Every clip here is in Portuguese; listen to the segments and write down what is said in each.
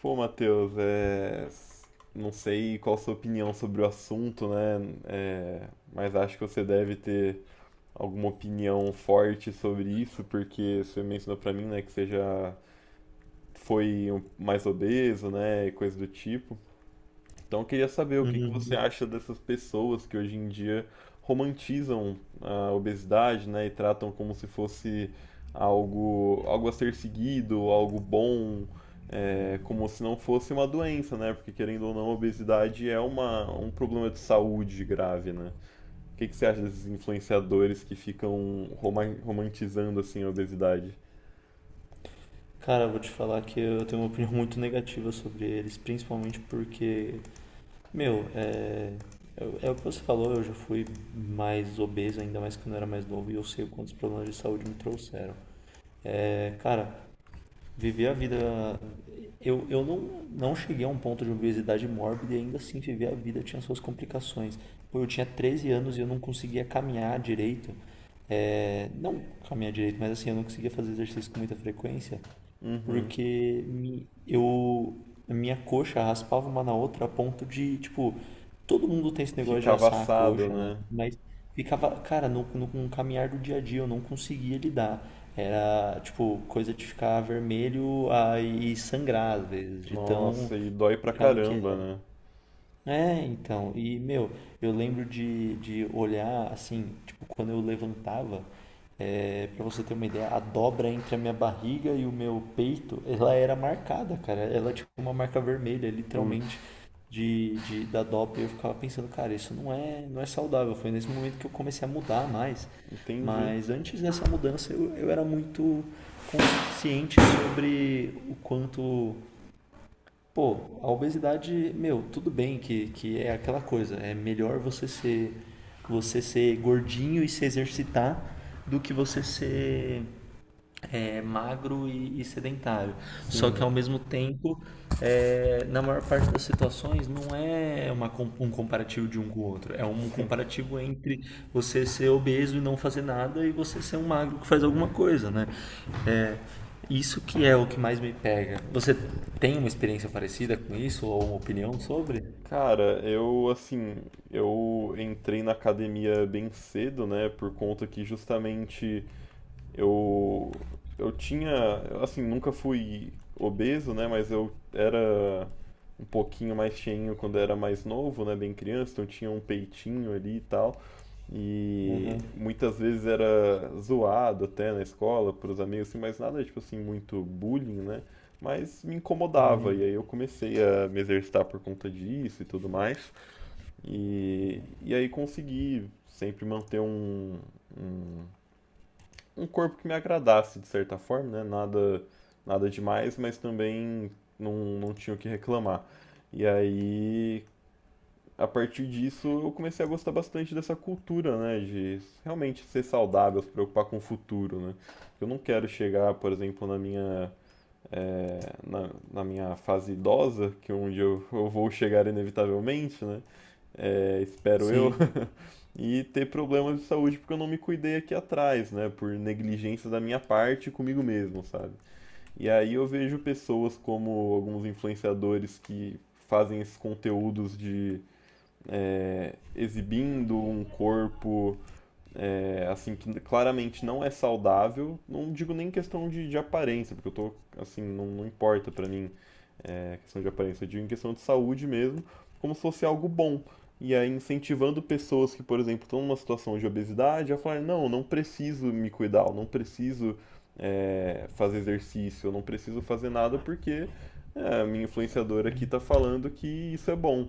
Pô, Matheus, não sei qual a sua opinião sobre o assunto, né? Mas acho que você deve ter alguma opinião forte sobre isso, porque você mencionou pra mim, né, que você já foi mais obeso, né, e coisa do tipo. Então eu queria saber o que que você Uhum. acha dessas pessoas que hoje em dia romantizam a obesidade, né, e tratam como se fosse algo a ser seguido, algo bom, como se não fosse uma doença, né? Porque querendo ou não, a obesidade é um problema de saúde grave, né? O que que você acha desses influenciadores que ficam romantizando assim a obesidade? Cara, eu vou te falar que eu tenho uma opinião muito negativa sobre eles, principalmente porque, meu, é o que você falou, eu já fui mais obeso, ainda mais quando eu era mais novo, e eu sei quantos problemas de saúde me trouxeram. É, cara, viver a vida. Eu não cheguei a um ponto de obesidade mórbida e ainda assim viver a vida tinha suas complicações. Pô, eu tinha 13 anos e eu não conseguia caminhar direito. É, não caminhar direito, mas assim, eu não conseguia fazer exercício com muita frequência. Uhum. Porque a minha coxa raspava uma na outra a ponto de, tipo, todo mundo tem esse negócio Fica de assar a avassado, coxa, né? né? Mas ficava, cara, no, no, com o caminhar do dia a dia eu não conseguia lidar. Era, tipo, coisa de ficar vermelho ah, e sangrar, às vezes, de tão Nossa, e dói pra complicado que caramba, é. né? É, então, e meu, eu lembro de olhar assim, tipo, quando eu levantava, é, para você ter uma ideia, a dobra entre a minha barriga e o meu peito, ela era marcada, cara. Ela tinha uma marca vermelha, literalmente, Putz. da dobra. E eu ficava pensando, cara, isso não é saudável. Foi nesse momento que eu comecei a mudar mais. Entendi. Mas antes dessa mudança, eu era muito consciente sobre o quanto. Pô, a obesidade, meu, tudo bem que é aquela coisa. É melhor você ser gordinho e se exercitar do que você ser magro e sedentário. Só que Sim, ao mesmo tempo, é, na maior parte das situações, não é uma, um comparativo de um com o outro. É um sim. comparativo entre você ser obeso e não fazer nada e você ser um magro que faz alguma coisa, né? É, isso que é o que mais me pega. Você tem uma experiência parecida com isso ou uma opinião sobre? Cara, eu assim, eu entrei na academia bem cedo, né, por conta que justamente eu eu tinha, assim, nunca fui obeso, né, mas eu era um pouquinho mais cheinho quando era mais novo, né, bem criança, então eu tinha um peitinho ali e tal. E Aham. muitas vezes era zoado até na escola, por os amigos, assim, mas nada tipo assim, muito bullying, né? Mas me incomodava, e aí eu comecei a me exercitar por conta disso e tudo mais. E aí consegui sempre manter um, um corpo que me agradasse de certa forma, né? Nada demais, mas também não, não tinha o que reclamar. E aí a partir disso eu comecei a gostar bastante dessa cultura, né, de realmente ser saudável, se preocupar com o futuro, né? Eu não quero chegar, por exemplo, na na minha fase idosa, que é onde eu vou chegar inevitavelmente, né? eh, espero eu, Sim. e ter problemas de saúde porque eu não me cuidei aqui atrás, né? Por negligência da minha parte comigo mesmo, sabe? E aí eu vejo pessoas como alguns influenciadores que fazem esses conteúdos de exibindo um corpo assim que claramente não é saudável. Não digo nem questão de aparência, porque eu tô assim, não importa para mim questão de aparência, eu digo em questão de saúde mesmo, como se fosse algo bom. E aí incentivando pessoas que, por exemplo, estão numa situação de obesidade a falar, não preciso me cuidar, eu não preciso fazer exercício, eu não preciso fazer nada porque a minha influenciadora aqui tá falando que isso é bom.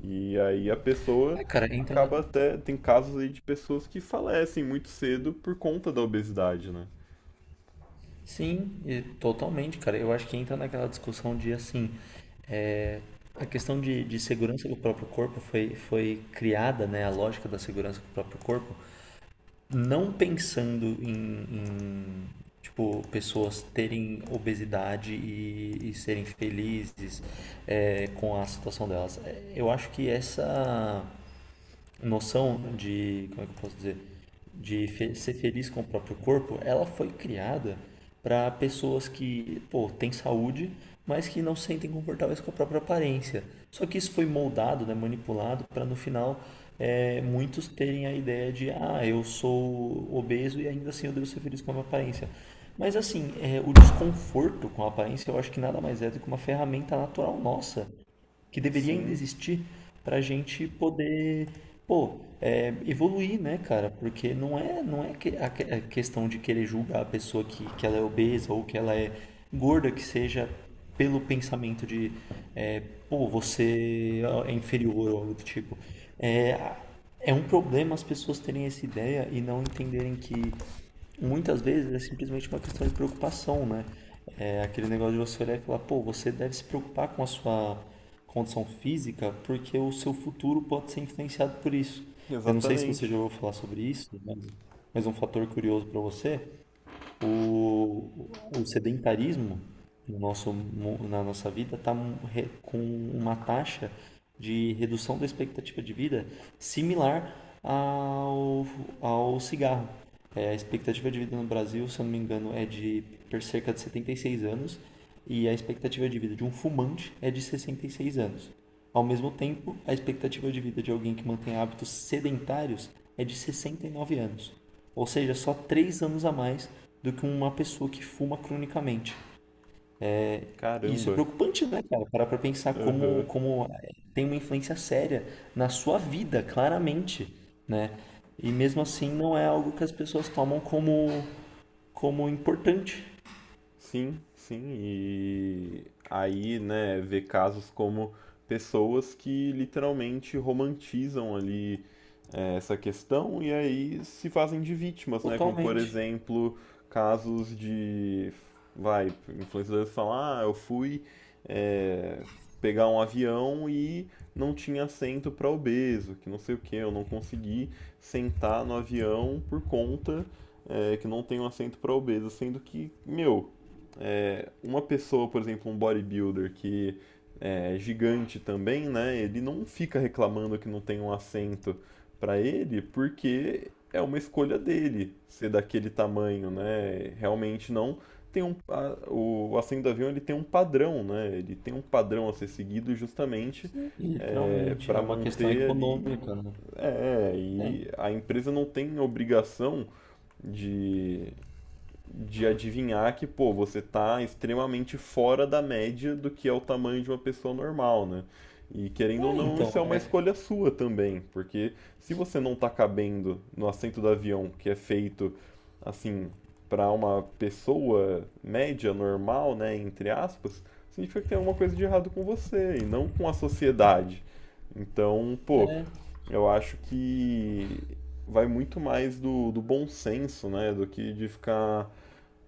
E aí a pessoa É, cara, acaba até. Tem casos aí de pessoas que falecem muito cedo por conta da obesidade, né? Sim, e totalmente, cara. Eu acho que entra naquela discussão de assim, é, a questão de segurança do próprio corpo foi criada, né? A lógica da segurança do próprio corpo, não pensando em tipo, pessoas terem obesidade e serem felizes, é, com a situação delas. É, eu acho que essa noção de, como é que eu posso dizer, de ser feliz com o próprio corpo, ela foi criada para pessoas que, pô, têm saúde, mas que não se sentem confortáveis com a própria aparência. Só que isso foi moldado, né, manipulado para no final muitos terem a ideia de, ah, eu sou obeso e ainda assim eu devo ser feliz com a minha aparência. Mas assim, é, o desconforto com a aparência eu acho que nada mais é do que uma ferramenta natural nossa que deveria ainda Sim, existir para a gente poder, pô, é, evoluir, né, cara? Porque não é a questão de querer julgar a pessoa que ela é obesa ou que ela é gorda, que seja pelo pensamento de, é, pô, você é inferior ou algo do tipo. É, é um problema as pessoas terem essa ideia e não entenderem que muitas vezes é simplesmente uma questão de preocupação, né? É aquele negócio de você olhar e falar, pô, você deve se preocupar com a sua condição física porque o seu futuro pode ser influenciado por isso. Eu não sei se você já exatamente. ouviu falar sobre isso, mas um fator curioso para você: o sedentarismo no nosso, na nossa vida está com uma taxa de redução da expectativa de vida similar ao, ao cigarro. É, a expectativa de vida no Brasil, se eu não me engano, é de cerca de 76 anos e a expectativa de vida de um fumante é de 66 anos. Ao mesmo tempo, a expectativa de vida de alguém que mantém hábitos sedentários é de 69 anos, ou seja, só 3 anos a mais do que uma pessoa que fuma cronicamente. E isso é Caramba. preocupante, né, cara? Parar pra pensar como, Aham. como eh, tem uma influência séria na sua vida, claramente, né? E mesmo assim não é algo que as pessoas tomam como, como importante. Sim, sim. E aí, né, ver casos como pessoas que literalmente romantizam ali essa questão e aí se fazem de vítimas, né? Como, por Totalmente. exemplo, casos de, vai, influenciadores falam, ah, eu fui eh, pegar um avião e não tinha assento para obeso, que não sei o que, eu não consegui sentar no avião por conta que não tem um assento para obeso, sendo que, meu, é, uma pessoa, por exemplo, um bodybuilder que é gigante também, né? Ele não fica reclamando que não tem um assento para ele, porque é uma escolha dele ser daquele tamanho, né? Realmente não tem um o assento do avião ele tem um padrão, né? Ele tem um padrão a ser seguido justamente Literalmente. para É uma questão manter ali, econômica, né? É. e a empresa não tem obrigação de adivinhar que, pô, você tá extremamente fora da média do que é o tamanho de uma pessoa normal, né? E querendo ou É, não, isso é então, uma é, escolha sua também, porque se você não tá cabendo no assento do avião, que é feito assim para uma pessoa média, normal, né, entre aspas, significa que tem alguma coisa de errado com você e não com a sociedade. Então, pô, eu acho que vai muito mais do bom senso, né, do que de ficar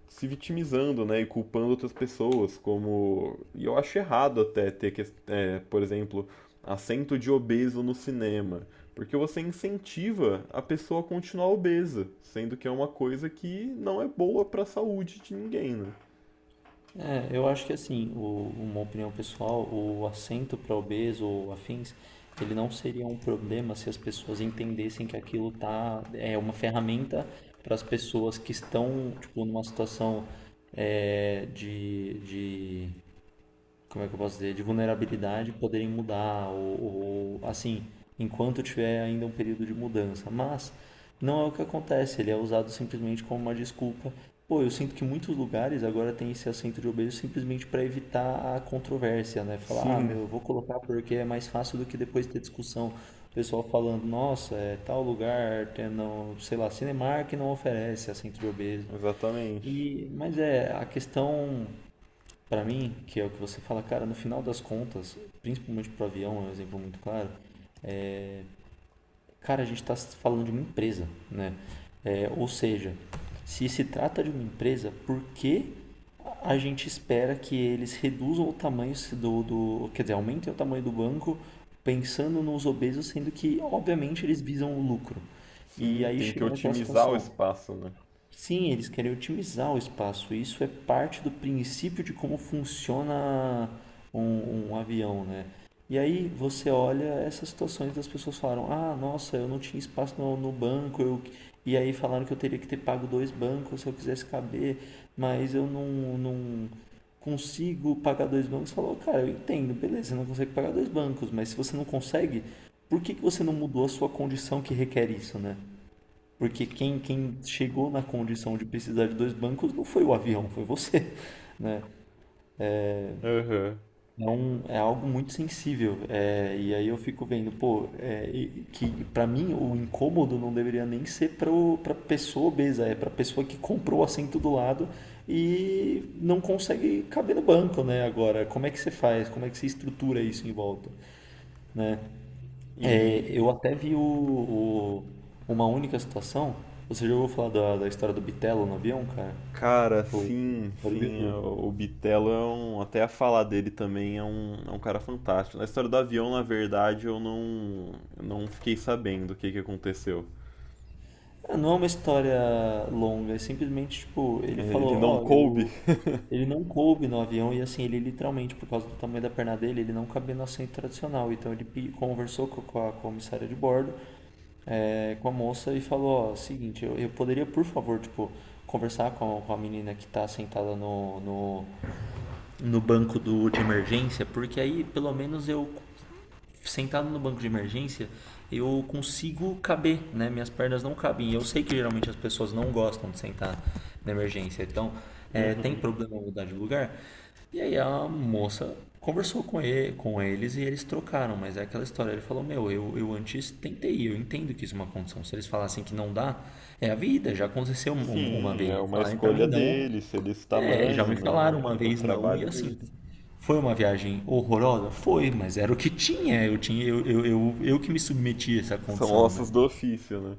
se vitimizando, né, e culpando outras pessoas, como... E eu acho errado até ter, por exemplo, assento de obeso no cinema, porque você incentiva a pessoa a continuar obesa, sendo que é uma coisa que não é boa para a saúde de ninguém, né? é, eu acho que assim, uma opinião pessoal, o assento para obeso ou afins, ele não seria um problema se as pessoas entendessem que aquilo tá, é uma ferramenta para as pessoas que estão, tipo, numa situação é, de como é que eu posso dizer, de vulnerabilidade poderem mudar, ou assim, enquanto tiver ainda um período de mudança. Mas não é o que acontece, ele é usado simplesmente como uma desculpa. Pô, eu sinto que muitos lugares agora tem esse assento de obeso simplesmente para evitar a controvérsia, né? Falar, ah, Sim, meu, eu vou colocar porque é mais fácil do que depois ter discussão. O pessoal falando, nossa, é tal lugar, tem, não, sei lá, Cinemark não oferece assento de obeso. exatamente. E, mas é, a questão para mim, que é o que você fala, cara, no final das contas, principalmente pro avião, é um exemplo muito claro, cara, a gente está falando de uma empresa, né? É, ou seja, se se trata de uma empresa, por que a gente espera que eles reduzam o tamanho do, do quer dizer, aumentem o tamanho do banco pensando nos obesos, sendo que, obviamente, eles visam o lucro. E Sim, aí tem que chega naquela otimizar o situação, espaço, né? sim, eles querem otimizar o espaço. Isso é parte do princípio de como funciona um avião, né? E aí você olha essas situações das pessoas falaram: Ah, nossa, eu não tinha espaço no, no banco. Eu... E aí falaram que eu teria que ter pago dois bancos se eu quisesse caber, mas eu não consigo pagar dois bancos. Falou, cara, eu entendo, beleza, você não consegue pagar dois bancos, mas se você não consegue, por que que você não mudou a sua condição que requer isso, né? Porque quem chegou na condição de precisar de dois bancos não foi o avião, foi você, né? Aham. É, um, é algo muito sensível. É, e aí eu fico vendo, pô, é, que para mim o incômodo não deveria nem ser para para pessoa obesa, é para pessoa que comprou o assento do lado e não consegue caber no banco, né? Agora, como é que você faz? Como é que você estrutura isso em volta, né? É, E eu até vi o uma única situação. Você já ouviu falar da história do Bitelo no avião, cara? cara, O sim, sim, bodybuilder. O é um, até a falar dele também é um cara fantástico. Na história do avião, na verdade, eu não fiquei sabendo o que que aconteceu. Ah, não é uma história longa, é simplesmente tipo, É, ele ele falou, não ó, coube? eu. Ele não coube no avião e assim, ele literalmente, por causa do tamanho da perna dele, ele não cabia no assento tradicional. Então ele conversou com a comissária de bordo, é, com a moça e falou, ó, seguinte, eu poderia, por favor, tipo, conversar com a menina que tá sentada no banco do, de emergência, porque aí pelo menos eu sentado no banco de emergência, eu consigo caber, né? Minhas pernas não cabem. Eu sei que geralmente as pessoas não gostam de sentar na emergência, então é, tem Uhum. problema mudar de lugar. E aí a moça conversou com, ele, com eles e eles trocaram, mas é aquela história. Ele falou: Meu, eu antes tentei, eu entendo que isso é uma condição. Se eles falassem que não dá, é a vida, já aconteceu uma Sim, vez. é Eles uma falarem pra mim escolha não, dele, ser desse é, já tamanho, me né? falaram uma É o vez não, e trabalho assim, dele. foi uma viagem horrorosa? Foi, mas era o que tinha, eu que me submeti a essa São condição, né? ossos do ofício, né?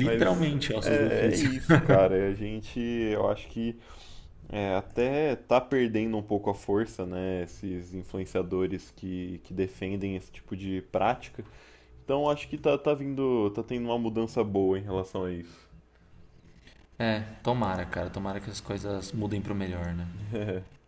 Mas ossos do é ofício. isso, cara. A gente, eu acho que é, até tá perdendo um pouco a força, né? Esses influenciadores que defendem esse tipo de prática. Então acho que tá vindo, tá tendo uma mudança boa em relação a isso. É, tomara, cara, tomara que as coisas mudem pro melhor, né?